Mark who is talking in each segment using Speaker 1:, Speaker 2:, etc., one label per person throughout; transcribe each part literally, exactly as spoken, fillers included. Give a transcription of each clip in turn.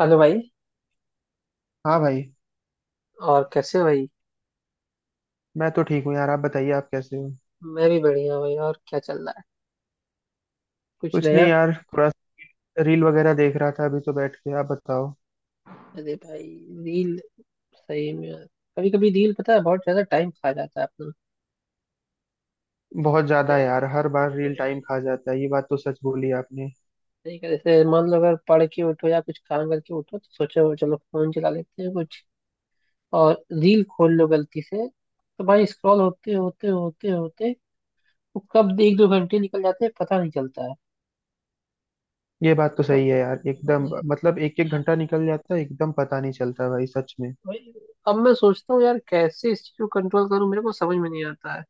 Speaker 1: Hello भाई।
Speaker 2: हाँ भाई।
Speaker 1: और कैसे हो भाई?
Speaker 2: मैं तो ठीक हूँ यार, आप बताइए, आप कैसे हो?
Speaker 1: मैं भी बढ़िया हूँ भाई। और क्या चल रहा है, कुछ
Speaker 2: कुछ नहीं
Speaker 1: नया?
Speaker 2: यार, थोड़ा रील वगैरह देख रहा था अभी तो बैठ के। आप बताओ।
Speaker 1: अरे भाई, रील! सही में, कभी कभी रील पता है बहुत ज्यादा टाइम खा जाता है अपना।
Speaker 2: बहुत ज्यादा
Speaker 1: जैसे-
Speaker 2: यार, हर बार रील
Speaker 1: हम्म,
Speaker 2: टाइम खा जाता है। ये बात तो सच बोली आपने।
Speaker 1: सही कह- जैसे मान लो, अगर पढ़ के उठो या कुछ काम करके उठो तो सोचो चलो फोन चला लेते हैं कुछ, और रील खोल लो गलती से, तो भाई स्क्रॉल होते होते होते होते, वो कब एक दो घंटे निकल जाते हैं पता नहीं चलता है।
Speaker 2: ये बात तो
Speaker 1: तो,
Speaker 2: सही है यार,
Speaker 1: हम्म,
Speaker 2: एकदम, मतलब एक एक
Speaker 1: अब
Speaker 2: घंटा निकल जाता है, एकदम पता नहीं चलता भाई, सच में।
Speaker 1: भाई, अब मैं सोचता हूँ यार कैसे इस चीज को कंट्रोल करूँ, मेरे को समझ में नहीं आता है।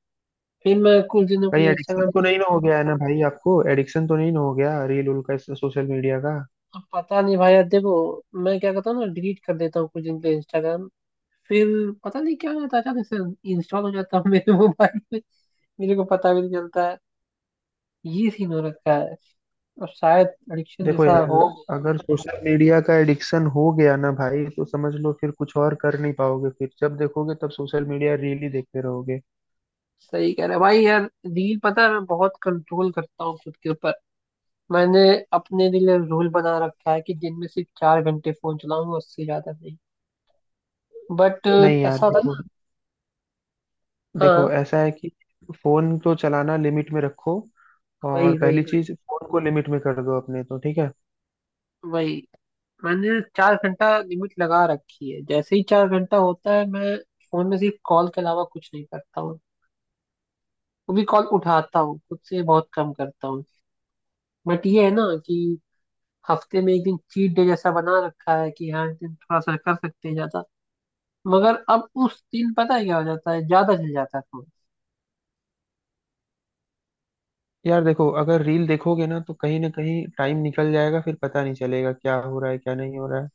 Speaker 1: फिर मैं कुछ दिनों के
Speaker 2: कहीं
Speaker 1: लिए इंस्टाग्राम,
Speaker 2: एडिक्शन तो नहीं ना हो गया है ना भाई? आपको एडिक्शन तो नहीं ना हो गया रील उल का, सोशल मीडिया का?
Speaker 1: अब पता नहीं भाई, यार देखो, मैं क्या करता हूँ ना, डिलीट कर देता हूँ कुछ दिन के लिए इंस्टाग्राम। फिर पता नहीं क्या हो जाता है, अचानक से इंस्टॉल हो जाता है मेरे मोबाइल में, मेरे को पता भी नहीं चलता है। ये सीन हो रखा है, और शायद एडिक्शन
Speaker 2: देखो
Speaker 1: जैसा
Speaker 2: यार,
Speaker 1: हो गया।
Speaker 2: अगर सोशल मीडिया का एडिक्शन हो गया ना भाई, तो समझ लो फिर कुछ और कर नहीं पाओगे, फिर जब देखोगे तब सोशल मीडिया रील ही देखते रहोगे।
Speaker 1: सही कह रहे हो भाई। यार रील पता है मैं बहुत कंट्रोल करता हूँ खुद के ऊपर। मैंने अपने लिए रूल बना रखा है कि दिन में सिर्फ चार घंटे फोन चलाऊंगा, उससे ज्यादा नहीं। बट
Speaker 2: नहीं यार
Speaker 1: ऐसा था
Speaker 2: देखो,
Speaker 1: ना।
Speaker 2: देखो
Speaker 1: हाँ।
Speaker 2: ऐसा है कि फोन को चलाना लिमिट में रखो। और
Speaker 1: वही
Speaker 2: पहली
Speaker 1: वही वही,
Speaker 2: चीज, फोन को लिमिट में कर दो अपने तो ठीक है।
Speaker 1: वही। मैंने चार घंटा लिमिट लगा रखी है। जैसे ही चार घंटा होता है, मैं फोन में सिर्फ कॉल के अलावा कुछ नहीं करता हूँ। वो भी कॉल उठाता हूँ, खुद से बहुत कम करता हूँ। बट ये है ना कि हफ्ते में एक दिन चीट डे जैसा बना रखा है कि हाँ, इस दिन थोड़ा सा कर सकते हैं ज्यादा। मगर अब उस दिन पता है क्या हो जाता है, ज्यादा चल जाता है फोन।
Speaker 2: यार देखो, अगर रील देखोगे ना तो कहीं ना कहीं टाइम निकल जाएगा, फिर पता नहीं चलेगा क्या हो रहा है क्या नहीं हो रहा है।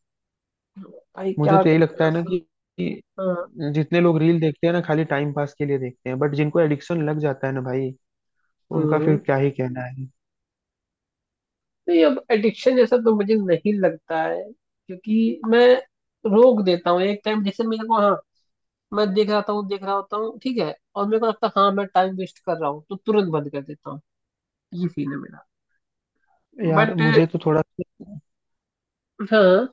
Speaker 1: भाई
Speaker 2: मुझे
Speaker 1: क्या।
Speaker 2: तो यही लगता है ना कि कि
Speaker 1: हाँ।
Speaker 2: जितने लोग रील देखते हैं ना, खाली टाइम पास के लिए देखते हैं, बट जिनको एडिक्शन लग जाता है ना भाई, तो उनका फिर
Speaker 1: हम्म।
Speaker 2: क्या ही कहना है।
Speaker 1: नहीं, अब एडिक्शन जैसा तो मुझे नहीं लगता है क्योंकि मैं रोक देता हूँ एक टाइम। जैसे मेरे को, हाँ, मैं देख रहा हूँ, देख रहा होता हूँ ठीक है, और मेरे को लगता है हाँ मैं टाइम वेस्ट कर रहा हूँ, तो तुरंत बंद कर देता हूँ। ये सीन है मेरा।
Speaker 2: यार
Speaker 1: बट
Speaker 2: मुझे तो थोड़ा,
Speaker 1: हाँ,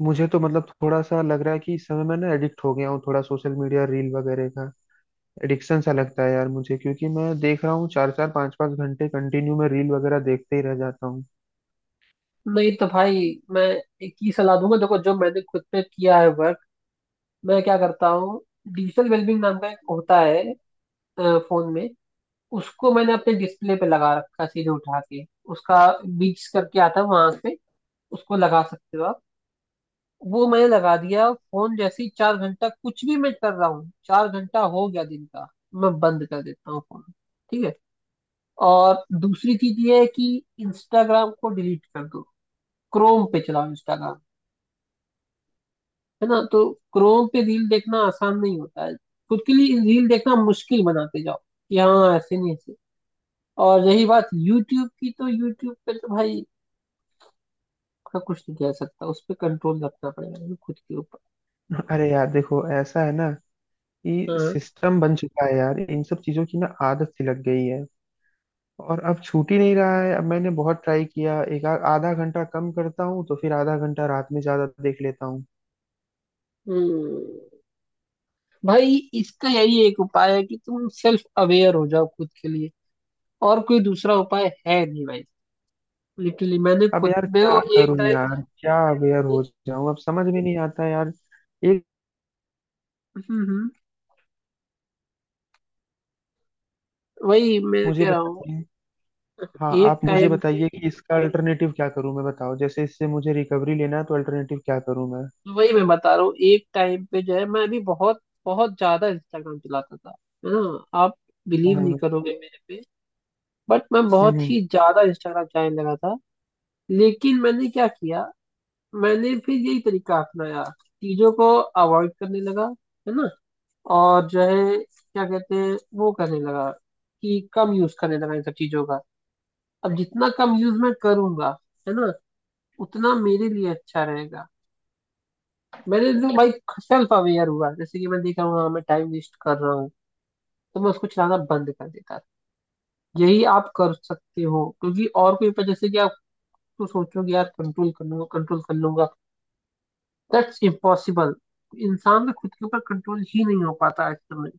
Speaker 2: मुझे तो मतलब थोड़ा सा लग रहा है कि इस समय मैं ना एडिक्ट हो गया हूँ थोड़ा, सोशल मीडिया रील वगैरह का। एडिक्शन सा लगता है यार मुझे, क्योंकि मैं देख रहा हूँ चार चार पांच पांच घंटे कंटिन्यू में रील वगैरह देखते ही रह जाता हूँ।
Speaker 1: नहीं तो भाई, मैं एक ही सलाह दूंगा, देखो, जो मैंने खुद पे किया है वर्क। मैं क्या करता हूँ, डिजिटल वेलबींग नाम का एक होता है फोन में, उसको मैंने अपने डिस्प्ले पे लगा रखा है सीधे उठा के। उसका बीच करके आता है वहां पे, उसको लगा सकते हो आप। वो मैंने लगा दिया। फोन जैसे ही चार घंटा, कुछ भी मैं कर रहा हूँ, चार घंटा हो गया दिन का, मैं बंद कर देता हूँ फोन। ठीक है। और दूसरी चीज ये है कि इंस्टाग्राम को डिलीट कर दो, क्रोम पे चलाओ इंस्टाग्राम, है ना? तो क्रोम पे रील देखना आसान नहीं होता है। खुद के लिए रील देखना मुश्किल बनाते जाओ, कि हाँ ऐसे नहीं, ऐसे। और रही बात यूट्यूब की, तो यूट्यूब पे तो भाई उसका कुछ नहीं कह सकता, उस पर कंट्रोल रखना पड़ेगा खुद के ऊपर।
Speaker 2: अरे यार देखो, ऐसा है ना कि
Speaker 1: हाँ।
Speaker 2: सिस्टम बन चुका है यार, इन सब चीजों की ना आदत सी लग गई है। और अब छूट ही नहीं रहा है। अब मैंने बहुत ट्राई किया, एक आ- आधा घंटा कम करता हूँ तो फिर आधा घंटा रात में ज्यादा देख लेता हूँ।
Speaker 1: हम्म। भाई इसका यही एक उपाय है कि तुम सेल्फ अवेयर हो जाओ खुद के लिए, और कोई दूसरा उपाय है नहीं भाई। लिटरली मैंने
Speaker 2: अब
Speaker 1: खुद,
Speaker 2: यार
Speaker 1: मैं
Speaker 2: क्या
Speaker 1: वो एक
Speaker 2: करूँ
Speaker 1: टाइम
Speaker 2: यार,
Speaker 1: था,
Speaker 2: क्या अवेयर
Speaker 1: ए-
Speaker 2: हो जाऊं? अब समझ में नहीं आता यार। एक,
Speaker 1: हम्म हम्म, वही मैं
Speaker 2: मुझे
Speaker 1: कह रहा हूँ,
Speaker 2: बताइए। हाँ
Speaker 1: एक
Speaker 2: आप मुझे
Speaker 1: टाइम पे,
Speaker 2: बताइए कि इसका अल्टरनेटिव क्या करूं मैं, बताओ। जैसे इससे मुझे रिकवरी लेना है, तो अल्टरनेटिव क्या करूं मैं?
Speaker 1: वही मैं बता रहा हूँ, एक टाइम पे जो है मैं भी बहुत बहुत ज्यादा इंस्टाग्राम चलाता था, है ना? आप बिलीव नहीं
Speaker 2: हम्म।
Speaker 1: करोगे मेरे पे, बट मैं
Speaker 2: हम्म।
Speaker 1: बहुत
Speaker 2: हम्म।
Speaker 1: ही ज्यादा इंस्टाग्राम चलाने लगा था। लेकिन मैंने क्या किया, मैंने फिर यही तरीका अपनाया, चीजों को अवॉइड करने लगा, है ना। और जो है क्या कहते हैं, वो करने लगा, कि कम यूज करने लगा इन सब चीजों का। अब जितना कम यूज मैं करूंगा, है ना, उतना मेरे लिए अच्छा रहेगा। मैंने एकदम भाई सेल्फ अवेयर हुआ। जैसे कि मैं देख रहा हूँ, हाँ मैं टाइम वेस्ट कर रहा हूँ, तो मैं उसको चलाना बंद कर देता। यही आप कर सकते हो, क्योंकि और कोई, पर जैसे कि आप तो सोचोगे यार कंट्रोल कर लूंगा, कंट्रोल कर लूंगा, दैट्स इम्पॉसिबल। इंसान का खुद के ऊपर कंट्रोल ही नहीं हो पाता आज के समय।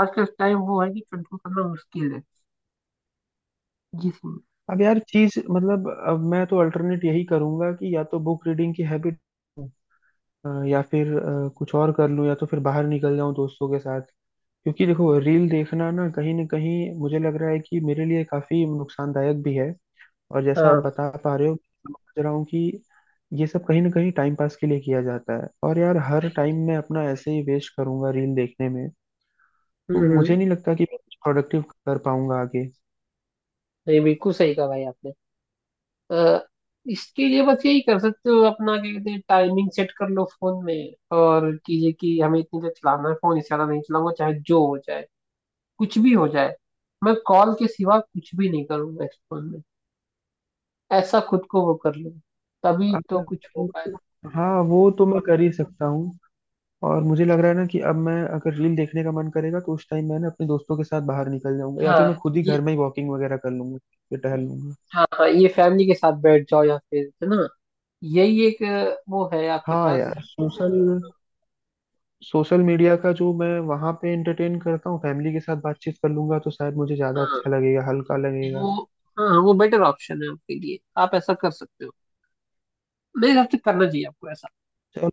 Speaker 1: आज का टाइम वो है कि कंट्रोल करना मुश्किल है। जी।
Speaker 2: अब यार चीज, मतलब अब मैं तो अल्टरनेट यही करूंगा कि या तो बुक रीडिंग की हैबिट, या फिर अ, कुछ और कर लूं, या तो फिर बाहर निकल जाऊं दोस्तों के साथ। क्योंकि देखो रील देखना ना कहीं ना कहीं मुझे लग रहा है कि मेरे लिए काफी नुकसानदायक भी है। और जैसा आप
Speaker 1: हाँ।
Speaker 2: बता पा रहे हो समझ रहा हूँ कि ये सब कहीं ना कहीं टाइम पास के लिए किया जाता है, और यार हर टाइम मैं अपना ऐसे ही वेस्ट करूंगा रील देखने में,
Speaker 1: हम्म
Speaker 2: तो
Speaker 1: हम्म,
Speaker 2: मुझे नहीं लगता कि मैं कुछ प्रोडक्टिव कर पाऊंगा आगे।
Speaker 1: ये बिल्कुल सही कहा भाई आपने। अ, इसके लिए बस यही कर सकते हो, अपना क्या कहते हैं, टाइमिंग सेट कर लो फोन में और कीजिए कि हमें इतनी देर चलाना है फोन, इससे ज्यादा नहीं चलाऊंगा चाहे जो हो जाए, कुछ भी हो जाए, मैं कॉल के सिवा कुछ भी नहीं करूंगा इस फोन में। ऐसा खुद को वो कर लो, तभी तो कुछ हो पाए।
Speaker 2: अब- हाँ, वो तो मैं कर ही सकता हूँ। और मुझे लग रहा है ना कि अब मैं, अगर रील देखने का मन करेगा तो उस टाइम मैं ना अपने दोस्तों के साथ बाहर निकल जाऊंगा, या फिर
Speaker 1: हाँ
Speaker 2: मैं खुद ही
Speaker 1: ये।
Speaker 2: घर में ही वॉकिंग वगैरह कर लूंगा, फिर टहल लूंगा।
Speaker 1: हाँ, हाँ, ये फैमिली के साथ बैठ जाओ, या फिर है ना, यही एक अ, वो है आपके
Speaker 2: हाँ
Speaker 1: पास।
Speaker 2: यार, सोशल सोशल मीडिया का जो मैं वहां पे एंटरटेन करता हूँ, फैमिली के साथ बातचीत कर लूंगा तो शायद मुझे ज्यादा
Speaker 1: हाँ
Speaker 2: अच्छा लगेगा, हल्का लगेगा।
Speaker 1: वो, हाँ वो बेटर ऑप्शन है आपके लिए, आप ऐसा कर सकते हो। मेरे हिसाब से करना चाहिए आपको ऐसा।
Speaker 2: चलो।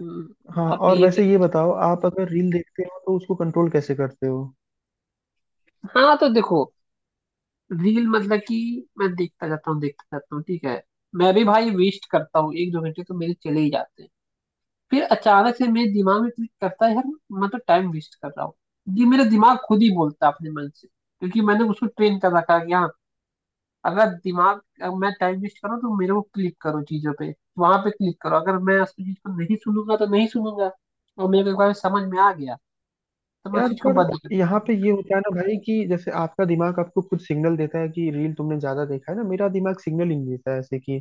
Speaker 1: हम्म,
Speaker 2: हाँ,
Speaker 1: आप
Speaker 2: और
Speaker 1: ये
Speaker 2: वैसे ये
Speaker 1: करिए।
Speaker 2: बताओ, आप अगर रील देखते हो तो उसको कंट्रोल कैसे करते हो?
Speaker 1: हाँ तो देखो, रील मतलब कि मैं देखता जाता हूँ, देखता जाता हूँ ठीक है, मैं भी भाई वेस्ट करता हूँ, एक दो घंटे तो मेरे चले ही जाते हैं। फिर अचानक से मेरे दिमाग में क्लिक करता है, यार मैं तो टाइम वेस्ट कर रहा हूँ। ये मेरा दिमाग खुद ही बोलता है अपने मन से, क्योंकि मैंने उसको ट्रेन कर रखा है कि हाँ, अगर दिमाग, अगर मैं टाइम वेस्ट करूँ तो मेरे को क्लिक करो चीजों पे, वहां पे क्लिक करो। अगर मैं उस चीज को नहीं सुनूंगा तो नहीं सुनूंगा, और मेरे को एक बार समझ में आ गया तो मैं उस
Speaker 2: यार
Speaker 1: चीज को
Speaker 2: पर
Speaker 1: बंद कर देता
Speaker 2: यहाँ
Speaker 1: हूँ।
Speaker 2: पे ये होता है ना भाई कि जैसे आपका दिमाग आपको खुद सिग्नल देता है कि रील तुमने ज्यादा देखा है ना, मेरा दिमाग सिग्नल ही नहीं देता है ऐसे कि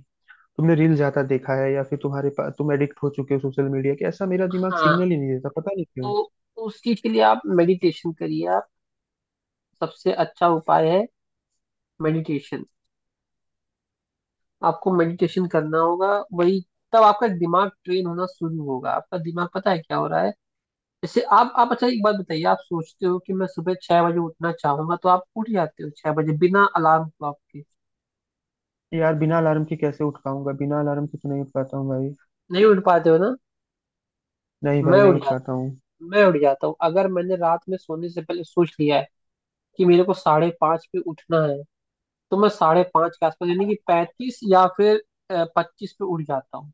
Speaker 2: तुमने रील ज्यादा देखा है, या फिर तुम्हारे पास, तुम एडिक्ट हो चुके हो सोशल मीडिया के। ऐसा मेरा दिमाग
Speaker 1: हाँ।
Speaker 2: सिग्नल ही नहीं देता, पता नहीं क्यों।
Speaker 1: तो उस चीज के लिए आप मेडिटेशन करिए। आप सबसे अच्छा उपाय है मेडिटेशन, आपको मेडिटेशन करना होगा। वही, तब आपका दिमाग ट्रेन होना शुरू होगा। आपका दिमाग पता है क्या हो रहा है, जैसे आप आप अच्छा एक बात बताइए, आप सोचते हो कि मैं सुबह छह बजे उठना चाहूंगा, तो आप उठ जाते हो छह बजे बिना अलार्म क्लॉक के?
Speaker 2: यार बिना अलार्म के कैसे उठ पाऊंगा? बिना अलार्म के तो नहीं उठ पाता हूँ भाई।
Speaker 1: नहीं उठ पाते हो ना।
Speaker 2: नहीं भाई,
Speaker 1: मैं
Speaker 2: नहीं
Speaker 1: उठ
Speaker 2: उठ पाता
Speaker 1: जाता,
Speaker 2: हूँ।
Speaker 1: मैं उठ जाता हूँ अगर मैंने रात में सोने से पहले सोच लिया है कि मेरे को साढ़े पाँच पे उठना है, तो मैं साढ़े पांच के आसपास, यानी कि पैंतीस या फिर पच्चीस पे उठ जाता हूँ।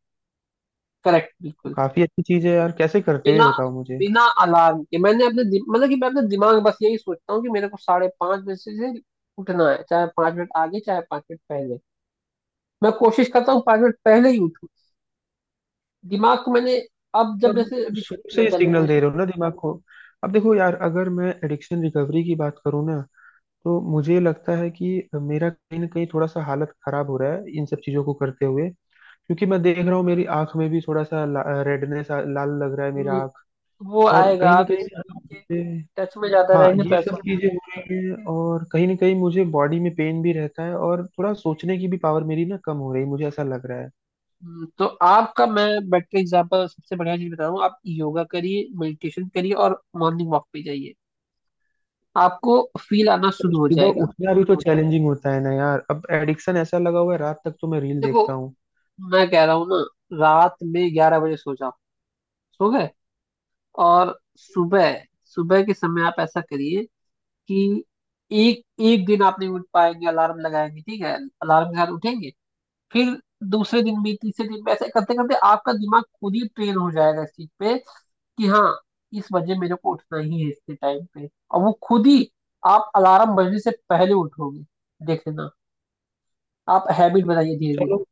Speaker 1: करेक्ट, बिल्कुल।
Speaker 2: काफी अच्छी चीज है यार, कैसे करते हो ये
Speaker 1: बिना
Speaker 2: बताओ मुझे।
Speaker 1: बिना अलार्म के मैंने अपने दि- मतलब कि मैं अपने दिमाग में बस यही सोचता हूँ कि मेरे को साढ़े पांच बजे से उठना है, चाहे पांच मिनट आगे चाहे पांच मिनट पहले, मैं कोशिश करता हूँ पांच मिनट पहले ही उठूँ। दिमाग को मैंने अब जब,
Speaker 2: तब,
Speaker 1: जैसे अभी
Speaker 2: शुरू से
Speaker 1: छुट्टियां
Speaker 2: ही
Speaker 1: चल रही
Speaker 2: सिग्नल
Speaker 1: हैं।
Speaker 2: दे रहे हो ना दिमाग को। अब देखो यार, अगर मैं एडिक्शन रिकवरी की बात करूँ ना, तो मुझे लगता है कि मेरा कहीं ना कहीं थोड़ा सा हालत खराब हो रहा है इन सब चीजों को करते हुए। क्योंकि मैं देख रहा हूँ मेरी आंख में भी थोड़ा सा रेडनेस, लाल लग रहा है मेरा
Speaker 1: हम्म,
Speaker 2: आंख।
Speaker 1: वो
Speaker 2: और
Speaker 1: आएगा,
Speaker 2: कहीं ना
Speaker 1: आप
Speaker 2: कहीं
Speaker 1: इस
Speaker 2: ना,
Speaker 1: चीज के
Speaker 2: मुझे,
Speaker 1: टच में ज्यादा
Speaker 2: हाँ
Speaker 1: रहेंगे तो
Speaker 2: ये सब
Speaker 1: ऐसा।
Speaker 2: चीजें हो रही हैं और कहीं ना कहीं मुझे बॉडी में पेन भी रहता है, और थोड़ा सोचने की भी पावर मेरी ना कम हो रही है, मुझे ऐसा लग रहा है।
Speaker 1: हम्म, तो आपका, मैं बेटर एग्जाम्पल सबसे बढ़िया चीज बता रहा हूँ, आप योगा करिए, मेडिटेशन करिए और मॉर्निंग वॉक पे जाइए। आपको फील आना शुरू हो
Speaker 2: सुबह
Speaker 1: जाएगा।
Speaker 2: उठना भी तो चैलेंजिंग होता है ना यार, अब एडिक्शन ऐसा लगा हुआ है रात तक तो मैं रील
Speaker 1: देखो,
Speaker 2: देखता हूँ।
Speaker 1: मैं कह रहा हूँ ना, रात में ग्यारह बजे सो जाओ। सो गए, और सुबह, सुबह के समय आप ऐसा करिए कि एक एक दिन आप नहीं उठ पाएंगे, अलार्म लगाएंगे ठीक है, अलार्म के साथ उठेंगे। फिर दूसरे दिन भी, तीसरे दिन भी, ऐसे करते करते आपका दिमाग खुद ही ट्रेन हो जाएगा इस चीज पे कि हाँ, इस बजे मेरे को उठना ही है, इसके टाइम पे, और वो खुद ही आप अलार्म बजने से पहले उठोगे, देखना। आप हैबिट बनाइए धीरे धीरे।
Speaker 2: चलो,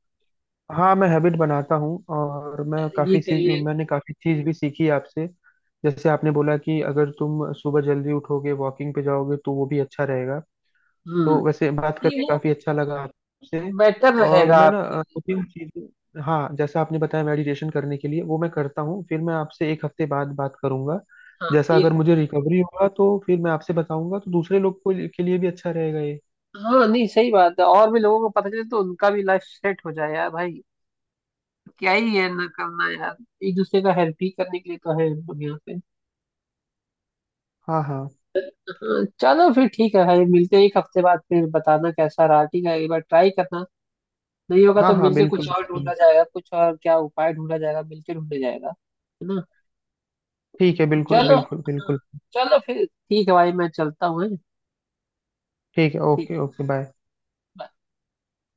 Speaker 2: हाँ मैं हैबिट बनाता हूँ, और मैं
Speaker 1: ये
Speaker 2: काफी चीज,
Speaker 1: करिएगा।
Speaker 2: मैंने काफी चीज भी सीखी आपसे। जैसे आपने बोला कि अगर तुम सुबह जल्दी उठोगे, वॉकिंग पे जाओगे, तो वो भी अच्छा रहेगा।
Speaker 1: हम्म।
Speaker 2: तो वैसे बात
Speaker 1: ये
Speaker 2: करके
Speaker 1: वो
Speaker 2: काफी अच्छा लगा आपसे।
Speaker 1: बेटर
Speaker 2: और
Speaker 1: रहेगा
Speaker 2: मैं ना
Speaker 1: आपके
Speaker 2: अ,
Speaker 1: लिए।
Speaker 2: दो तीन चीजें, हाँ जैसा आपने बताया मेडिटेशन करने के लिए वो मैं करता हूँ, फिर मैं आपसे एक हफ्ते बाद बात करूंगा।
Speaker 1: हाँ।
Speaker 2: जैसा
Speaker 1: एक
Speaker 2: अगर मुझे
Speaker 1: हफ्ते,
Speaker 2: रिकवरी होगा तो फिर मैं आपसे बताऊंगा, तो दूसरे लोग को के लिए भी अच्छा रहेगा ये।
Speaker 1: हाँ नहीं सही बात है, और भी लोगों को पता चले तो उनका भी लाइफ सेट हो जाए यार भाई। क्या ही है ना करना यार, एक दूसरे का हेल्प ही करने के लिए तो है हम लोग यहाँ पे।
Speaker 2: हाँ हाँ।
Speaker 1: हाँ, चलो फिर ठीक है भाई, मिलते हैं एक हफ्ते बाद, फिर बताना कैसा रहा, ठीक है? एक बार ट्राई करना, नहीं होगा
Speaker 2: हाँ
Speaker 1: तो
Speaker 2: हाँ,
Speaker 1: मिलके
Speaker 2: बिल्कुल
Speaker 1: कुछ और
Speaker 2: बिल्कुल।
Speaker 1: ढूंढा जाएगा, कुछ और क्या उपाय ढूंढा जाएगा, मिलके ढूंढा जाएगा, है ना?
Speaker 2: ठीक है, बिल्कुल
Speaker 1: चलो
Speaker 2: बिल्कुल
Speaker 1: हाँ,
Speaker 2: बिल्कुल।
Speaker 1: चलो फिर ठीक है भाई, मैं चलता हूँ, हैं?
Speaker 2: ठीक है,
Speaker 1: ठीक
Speaker 2: ओके ओके बाय।
Speaker 1: है, bye।